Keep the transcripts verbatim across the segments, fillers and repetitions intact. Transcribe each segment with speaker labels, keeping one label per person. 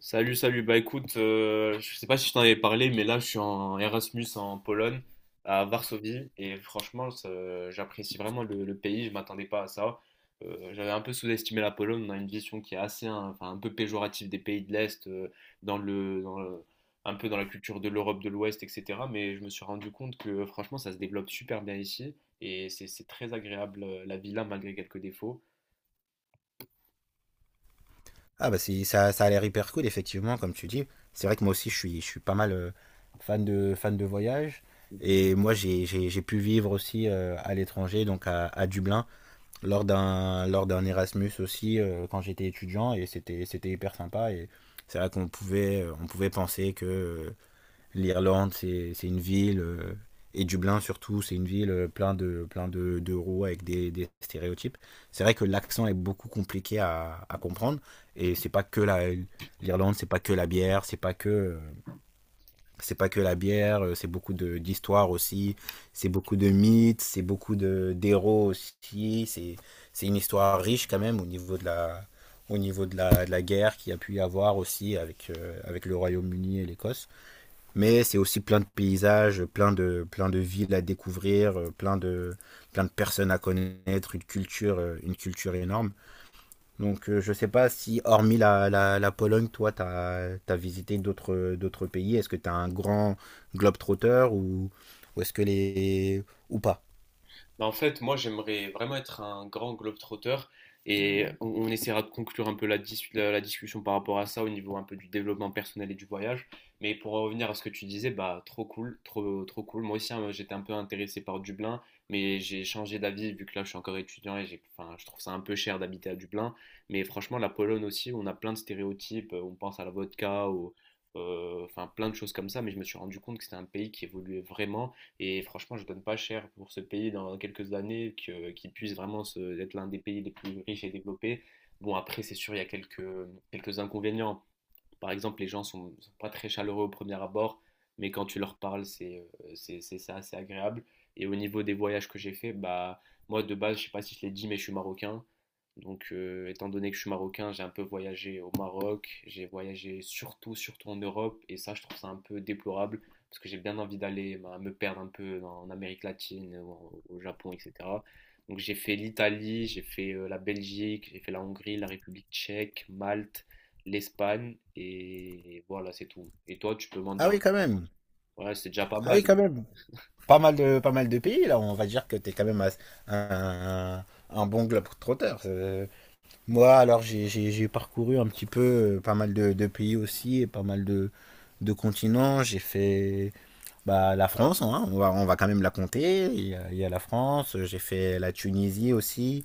Speaker 1: Salut, salut. Bah écoute, euh, je sais pas si je t'en avais parlé, mais là je suis en Erasmus en Pologne, à Varsovie, et franchement, ça- j'apprécie vraiment le, le pays. Je m'attendais pas à ça. Euh, j'avais un peu sous-estimé la Pologne. On a une vision qui est assez, hein, enfin, un peu péjorative des pays de l'Est, euh, dans le, dans le- un peu dans la culture de l'Europe de l'Ouest, et cetera. Mais je me suis rendu compte que franchement, ça se développe super bien ici, et c'est c'est très agréable euh, la vie là, malgré quelques défauts.
Speaker 2: Ah bah c'est ça, ça a l'air hyper cool effectivement comme tu dis. C'est vrai que moi aussi je suis, je suis pas mal euh, fan de, fan de voyage. Et moi j'ai, j'ai, j'ai pu vivre aussi euh, à l'étranger, donc à, à Dublin, lors d'un, lors d'un Erasmus aussi euh, quand j'étais étudiant et c'était, c'était hyper sympa. Et c'est vrai qu'on pouvait, euh, on pouvait penser que euh, l'Irlande, c'est c'est une ville, euh, et Dublin surtout, c'est une ville euh, plein de, plein de, de roues avec des, des stéréotypes. C'est vrai que l'accent est beaucoup compliqué à, à comprendre, et c'est pas que la, l'Irlande, c'est pas que la bière, c'est pas que, euh, c'est pas que la bière, euh, c'est beaucoup de, d'histoire aussi, c'est beaucoup de mythes, c'est beaucoup de, d'héros aussi, c'est, c'est une histoire riche quand même au niveau de la, au niveau de la, de la guerre qu'il y a pu y avoir aussi avec, euh, avec le Royaume-Uni et l'Écosse. Mais c'est aussi plein de paysages, plein de, plein de villes à découvrir, euh, plein de, plein de personnes à connaître, une culture, euh, une culture énorme. Donc euh, je sais pas si, hormis la, la, la Pologne, toi, tu as visité d'autres, d'autres pays. Est-ce que tu as un grand globetrotter ou, ou est-ce que les... ou pas?
Speaker 1: Bah, en fait, moi, j'aimerais vraiment être un grand globetrotter et on, on essaiera de conclure un peu la, dis- la- la discussion par rapport à ça au niveau un peu du développement personnel et du voyage. Mais pour en revenir à ce que tu disais, bah trop cool, trop trop cool. Moi aussi, hein, j'étais un peu intéressé par Dublin, mais j'ai changé d'avis vu que là, je suis encore étudiant et j'ai, enfin, je trouve ça un peu cher d'habiter à Dublin. Mais franchement, la Pologne aussi, on a plein de stéréotypes. On pense à la vodka, au- euh, enfin plein de choses comme ça. Mais je me suis rendu compte que c'était un pays qui évoluait vraiment et franchement, je donne pas cher pour ce pays dans quelques années que, qu'il puisse vraiment se- être l'un des pays les plus riches et développés. Bon, après, c'est sûr, il y a quelques, quelques inconvénients par exemple, les gens ne sont, sont pas très chaleureux au premier abord, mais quand tu leur parles, c'est euh, c'est c'est ça, c'est agréable. Et au niveau des voyages que j'ai fait, bah moi de base, je ne sais pas si je l'ai dit, mais je suis marocain. Donc, euh, étant donné que je suis marocain, j'ai un peu voyagé au Maroc, j'ai voyagé surtout, surtout en Europe, et ça, je trouve ça un peu déplorable, parce que j'ai bien envie d'aller bah, me perdre un peu en, Amérique latine, au, au Japon, et cetera. Donc, j'ai fait l'Italie, j'ai fait euh, la Belgique, j'ai fait la Hongrie, la République tchèque, Malte, l'Espagne et voilà, c'est tout. Et toi, tu peux m'en
Speaker 2: Ah
Speaker 1: dire un
Speaker 2: oui,
Speaker 1: peu.
Speaker 2: quand même.
Speaker 1: Ouais, c'est déjà pas
Speaker 2: Ah
Speaker 1: mal.
Speaker 2: oui, quand même. Pas mal de, pas mal de pays, là. On va dire que tu es quand même un, un, un bon globetrotter. Euh, Moi, alors, j'ai j'ai- j'ai parcouru un petit peu euh, pas mal de, de pays aussi et pas mal de, de continents. J'ai fait bah, la France, hein, on va, on va quand même la compter. Il y a, il y a la France, j'ai fait la Tunisie aussi,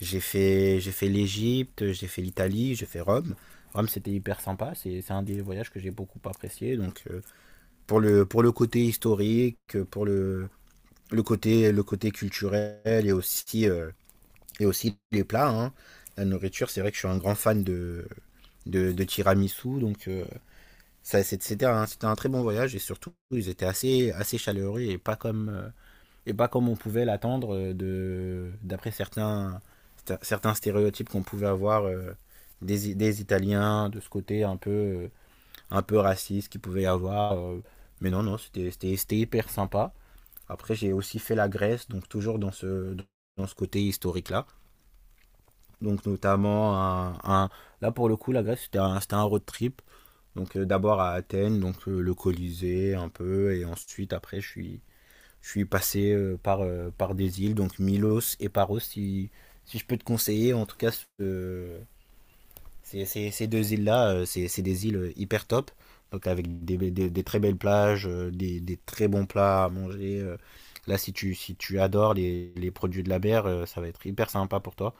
Speaker 2: j'ai fait, j'ai fait l'Égypte, j'ai fait l'Italie, j'ai fait Rome. Rome, c'était hyper sympa. C'est c'est un des voyages que j'ai beaucoup apprécié. Donc, euh, pour le, pour le côté historique, pour le, le côté, le côté culturel et aussi, euh, et aussi les plats, hein. La nourriture, c'est vrai que je suis un grand fan de, de, de tiramisu. Donc, euh, ça, c'est- c'était un, c'était un très bon voyage. Et surtout, ils étaient assez, assez chaleureux et pas comme, euh, et pas comme on pouvait l'attendre euh, de- d'après certains, sta- certains stéréotypes qu'on pouvait avoir euh, des, I- des Italiens, de ce côté un peu, euh, un peu raciste qu'il pouvait y avoir, euh. mais non, non, c'était c'était- c'était hyper sympa. Après, j'ai aussi fait la Grèce, donc toujours dans ce, dans ce côté historique-là. Donc notamment un, un- là pour le coup la Grèce c'était un, c'était un road trip. Donc euh, d'abord à Athènes, donc euh, le Colisée un peu et ensuite après je suis je suis passé euh, par euh, par des îles donc Milos et Paros, si si je peux te conseiller en tout cas ce- euh, ces, ces- ces deux îles là, c'est c'est des îles euh, hyper top. Donc avec des, des- des très belles plages, euh, des, des très bons plats à manger, euh. Là si tu si tu adores les, les produits de la mer, euh, ça va être hyper sympa pour toi.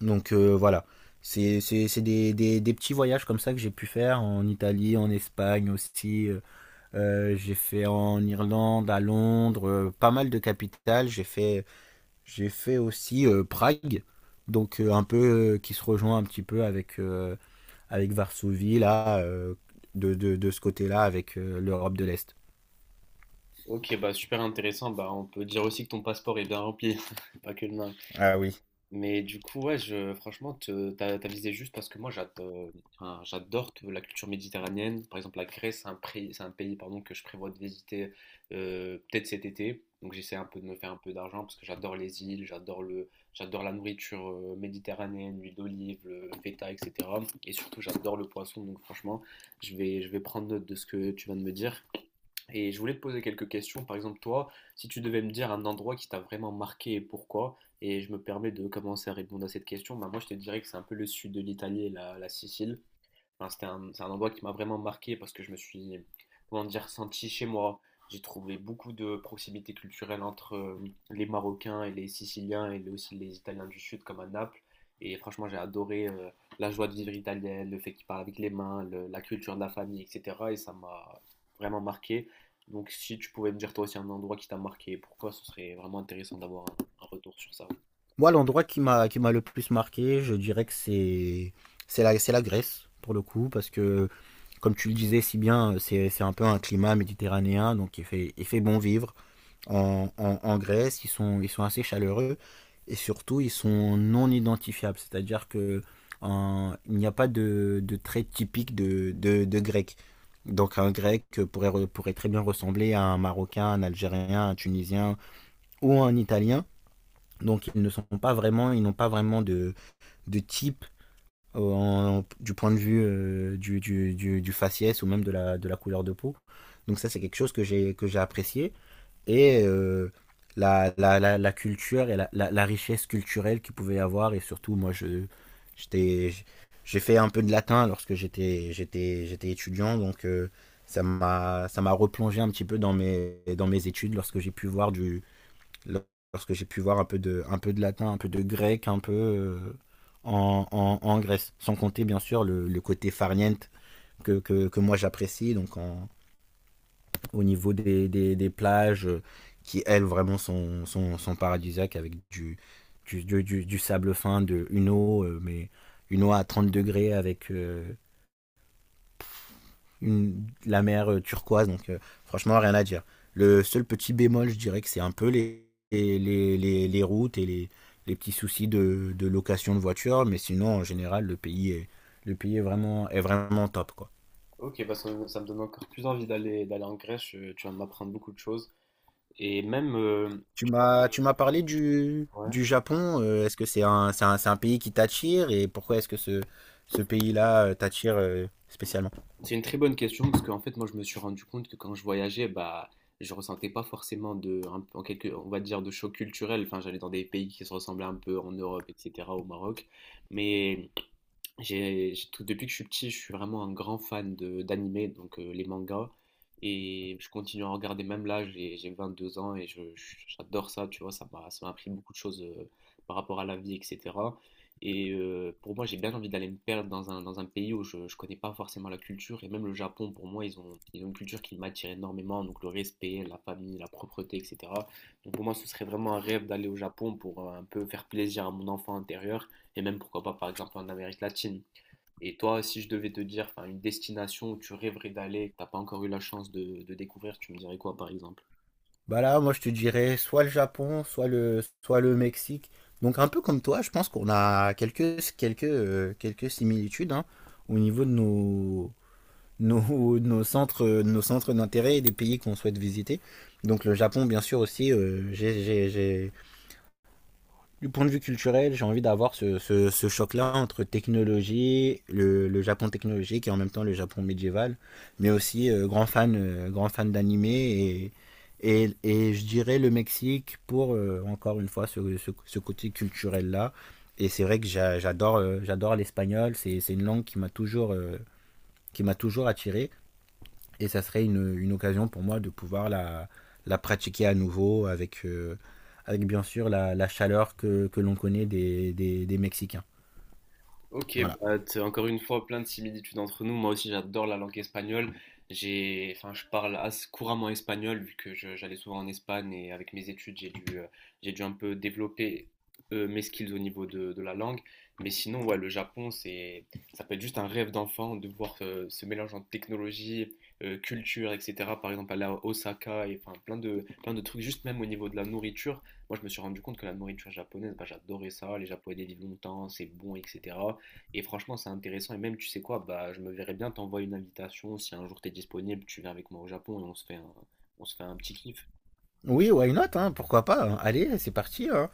Speaker 2: Donc euh, voilà, c'est c'est- c'est des, des- des petits voyages comme ça que j'ai pu faire en Italie, en Espagne aussi. Euh, euh, j'ai fait en Irlande, à Londres, euh, pas mal de capitales. J'ai fait, j'ai fait aussi euh, Prague, donc euh, un peu euh, qui se rejoint un petit peu avec, euh, avec Varsovie, là, euh, de, de, de ce côté-là, avec euh, l'Europe de l'Est.
Speaker 1: Ok, bah super intéressant. Bah, on peut dire aussi que ton passeport est bien rempli, pas que le mien.
Speaker 2: Ah oui.
Speaker 1: Mais du coup, ouais, je, franchement, te- t'as, t'as visé juste parce que moi, j'adore, enfin, j'adore te- la culture méditerranéenne. Par exemple, la Grèce, c'est un, pré- c'est un pays pardon, que je prévois de visiter euh, peut-être cet été. Donc, j'essaie un peu de me faire un peu d'argent parce que j'adore les îles, j'adore le, j'adore la nourriture euh, méditerranéenne, l'huile d'olive, le feta, et cetera. Et surtout, j'adore le poisson. Donc, franchement, je vais, je vais prendre note de ce que tu viens de me dire. Et je voulais te poser quelques questions. Par exemple, toi, si tu devais me dire un endroit qui t'a vraiment marqué et pourquoi, et je me permets de commencer à répondre à cette question, bah moi je te dirais que c'est un peu le sud de l'Italie et la, la Sicile. Enfin, c'était un, c'est un endroit qui m'a vraiment marqué parce que je me suis, comment dire, senti chez moi. J'ai trouvé beaucoup de proximité culturelle entre euh, les Marocains et les Siciliens et aussi les Italiens du Sud comme à Naples. Et franchement, j'ai adoré euh, la joie de vivre italienne, le fait qu'ils parlent avec les mains, le- la culture de la famille, et cetera. Et ça m'a vraiment marqué. Donc si tu pouvais me dire toi aussi un endroit qui t'a marqué, pourquoi ce serait vraiment intéressant d'avoir un, un retour sur ça.
Speaker 2: Moi, l'endroit qui m'a qui m'a le plus marqué, je dirais que c'est c'est la c'est la Grèce pour le coup, parce que comme tu le disais si bien, euh, c'est c'est un peu un climat méditerranéen, donc il fait, il fait bon vivre. En, en, en Grèce, ils sont, ils sont assez chaleureux, et surtout, ils sont non identifiables, c'est-à-dire que en- il n'y a pas de, de trait typique de, de, de grec. Donc un grec pourrait, re- pourrait très bien ressembler à un Marocain, un Algérien, un Tunisien ou un Italien. Donc ils ne sont pas vraiment, ils n'ont pas vraiment de, de type au- en- du point de vue euh, du, du, du, du faciès ou même de la, de la couleur de peau. Donc ça, c'est quelque chose que j'ai que j'ai apprécié. Et euh, la, la, la, la culture et la, la, la richesse culturelle qu'il pouvait y avoir. Et surtout, moi, je, j'étais, j'ai fait un peu de latin lorsque j'étais, j'étais, j'étais étudiant. Donc euh, ça m'a, ça m'a replongé un petit peu dans mes, dans mes études lorsque j'ai pu voir du, lorsque j'ai pu voir un peu, de, un peu de latin, un peu de grec, un peu euh, en, en, en Grèce. Sans compter, bien sûr, le, le côté farniente que, que, que moi j'apprécie, donc en, au niveau des, des, des, plages euh, qui, elles, vraiment sont, sont, sont paradisiaques avec du, du, du, du, du sable fin, de, une eau, euh, mais une eau à trente degrés avec euh, une, la mer euh, turquoise, donc euh, franchement, rien à dire. Le seul petit bémol, je dirais que c'est un peu les, les, les, les routes et les, les petits soucis de, de location de voiture, mais sinon, en général, le pays est, le pays est, vraiment, est vraiment top, quoi.
Speaker 1: Ok, bah ça, ça me donne encore plus envie d'aller d'aller en Grèce. euh, Tu vas m'apprendre beaucoup de choses. Et même, heu,
Speaker 2: Tu m'as, tu m'as parlé du,
Speaker 1: ouais,
Speaker 2: du Japon. euh, est-ce que c'est un, c'est un, c'est un pays qui t'attire, et pourquoi est-ce que ce, ce pays-là euh, t'attire euh, spécialement?
Speaker 1: c'est une très bonne question parce qu'en fait, moi, je me suis rendu compte que quand je voyageais, bah, je ressentais pas forcément de un en quelque on va dire de choc culturel. Enfin, j'allais dans des pays qui se ressemblaient un peu en Europe et cetera, au Maroc. Mais J'ai j'ai tout depuis que je suis petit, je suis vraiment un grand fan de d'animé, donc euh, les mangas. Et je continue à en regarder même là, j'ai j'ai vingt-deux ans et je, je- j'adore ça, tu vois, ça m'a ça m'a appris beaucoup de choses euh, par rapport à la vie, et cetera. Et euh, pour moi, j'ai bien envie d'aller me perdre dans un, dans un pays où je ne connais pas forcément la culture. Et même le Japon, pour moi, ils ont, ils ont une culture qui m'attire énormément, donc le respect, la famille, la propreté, et cetera. Donc pour moi, ce serait vraiment un rêve d'aller au Japon pour euh, un peu faire plaisir à mon enfant intérieur et même pourquoi pas par exemple en Amérique latine. Et toi, si je devais te dire enfin, une destination où tu rêverais d'aller, que t'as pas encore eu la chance de, de découvrir, tu me dirais quoi par exemple?
Speaker 2: Bah là, moi, je te dirais soit le Japon, soit le, soit le Mexique. Donc, un peu comme toi, je pense qu'on a quelques, quelques, euh, quelques similitudes, hein, au niveau de nos, nos, nos centres, nos centres d'intérêt et des pays qu'on souhaite visiter. Donc, le Japon, bien sûr, aussi, euh, j'ai, j'ai, j'ai- du point de vue culturel, j'ai envie d'avoir ce, ce, ce choc-là entre technologie, le, le Japon technologique, et en même temps le Japon médiéval, mais aussi euh, grand fan, euh, grand fan d'anime, et, et, et je dirais le Mexique pour euh, encore une fois ce, ce, ce côté culturel-là. Et c'est vrai que j'a- j'adore, euh, j'adore l'espagnol, c'est, c'est une langue qui m'a toujours, euh, qui m'a toujours attiré. Et ça serait une, une occasion pour moi de pouvoir la, la pratiquer à nouveau avec, euh, avec bien sûr la, la chaleur que, que l'on connaît des, des, des Mexicains.
Speaker 1: Ok,
Speaker 2: Voilà.
Speaker 1: bah, t'as encore une fois plein de similitudes entre nous. Moi aussi, j'adore la langue espagnole. J'ai, enfin, je parle assez couramment espagnol vu que je- j'allais souvent en Espagne et avec mes études, j'ai dû, euh, j'ai dû un peu développer euh, mes skills au niveau de, de la langue. Mais sinon, ouais, le Japon, c'est, ça peut être juste un rêve d'enfant de voir euh, ce mélange entre technologie, euh, culture, et cetera. Par exemple, aller à Osaka et enfin plein de, plein de trucs, juste même au niveau de la nourriture. Moi, je me suis rendu compte que la nourriture japonaise, bah, j'adorais ça. Les Japonais vivent longtemps, c'est bon, et cetera. Et franchement, c'est intéressant. Et même, tu sais quoi, bah, je me verrais bien t'envoyer une invitation. Si un jour t'es disponible, tu viens avec moi au Japon et on se fait un, on se fait un petit kiff.
Speaker 2: Oui, why not, hein, pourquoi pas, hein. Allez, c'est parti, hein.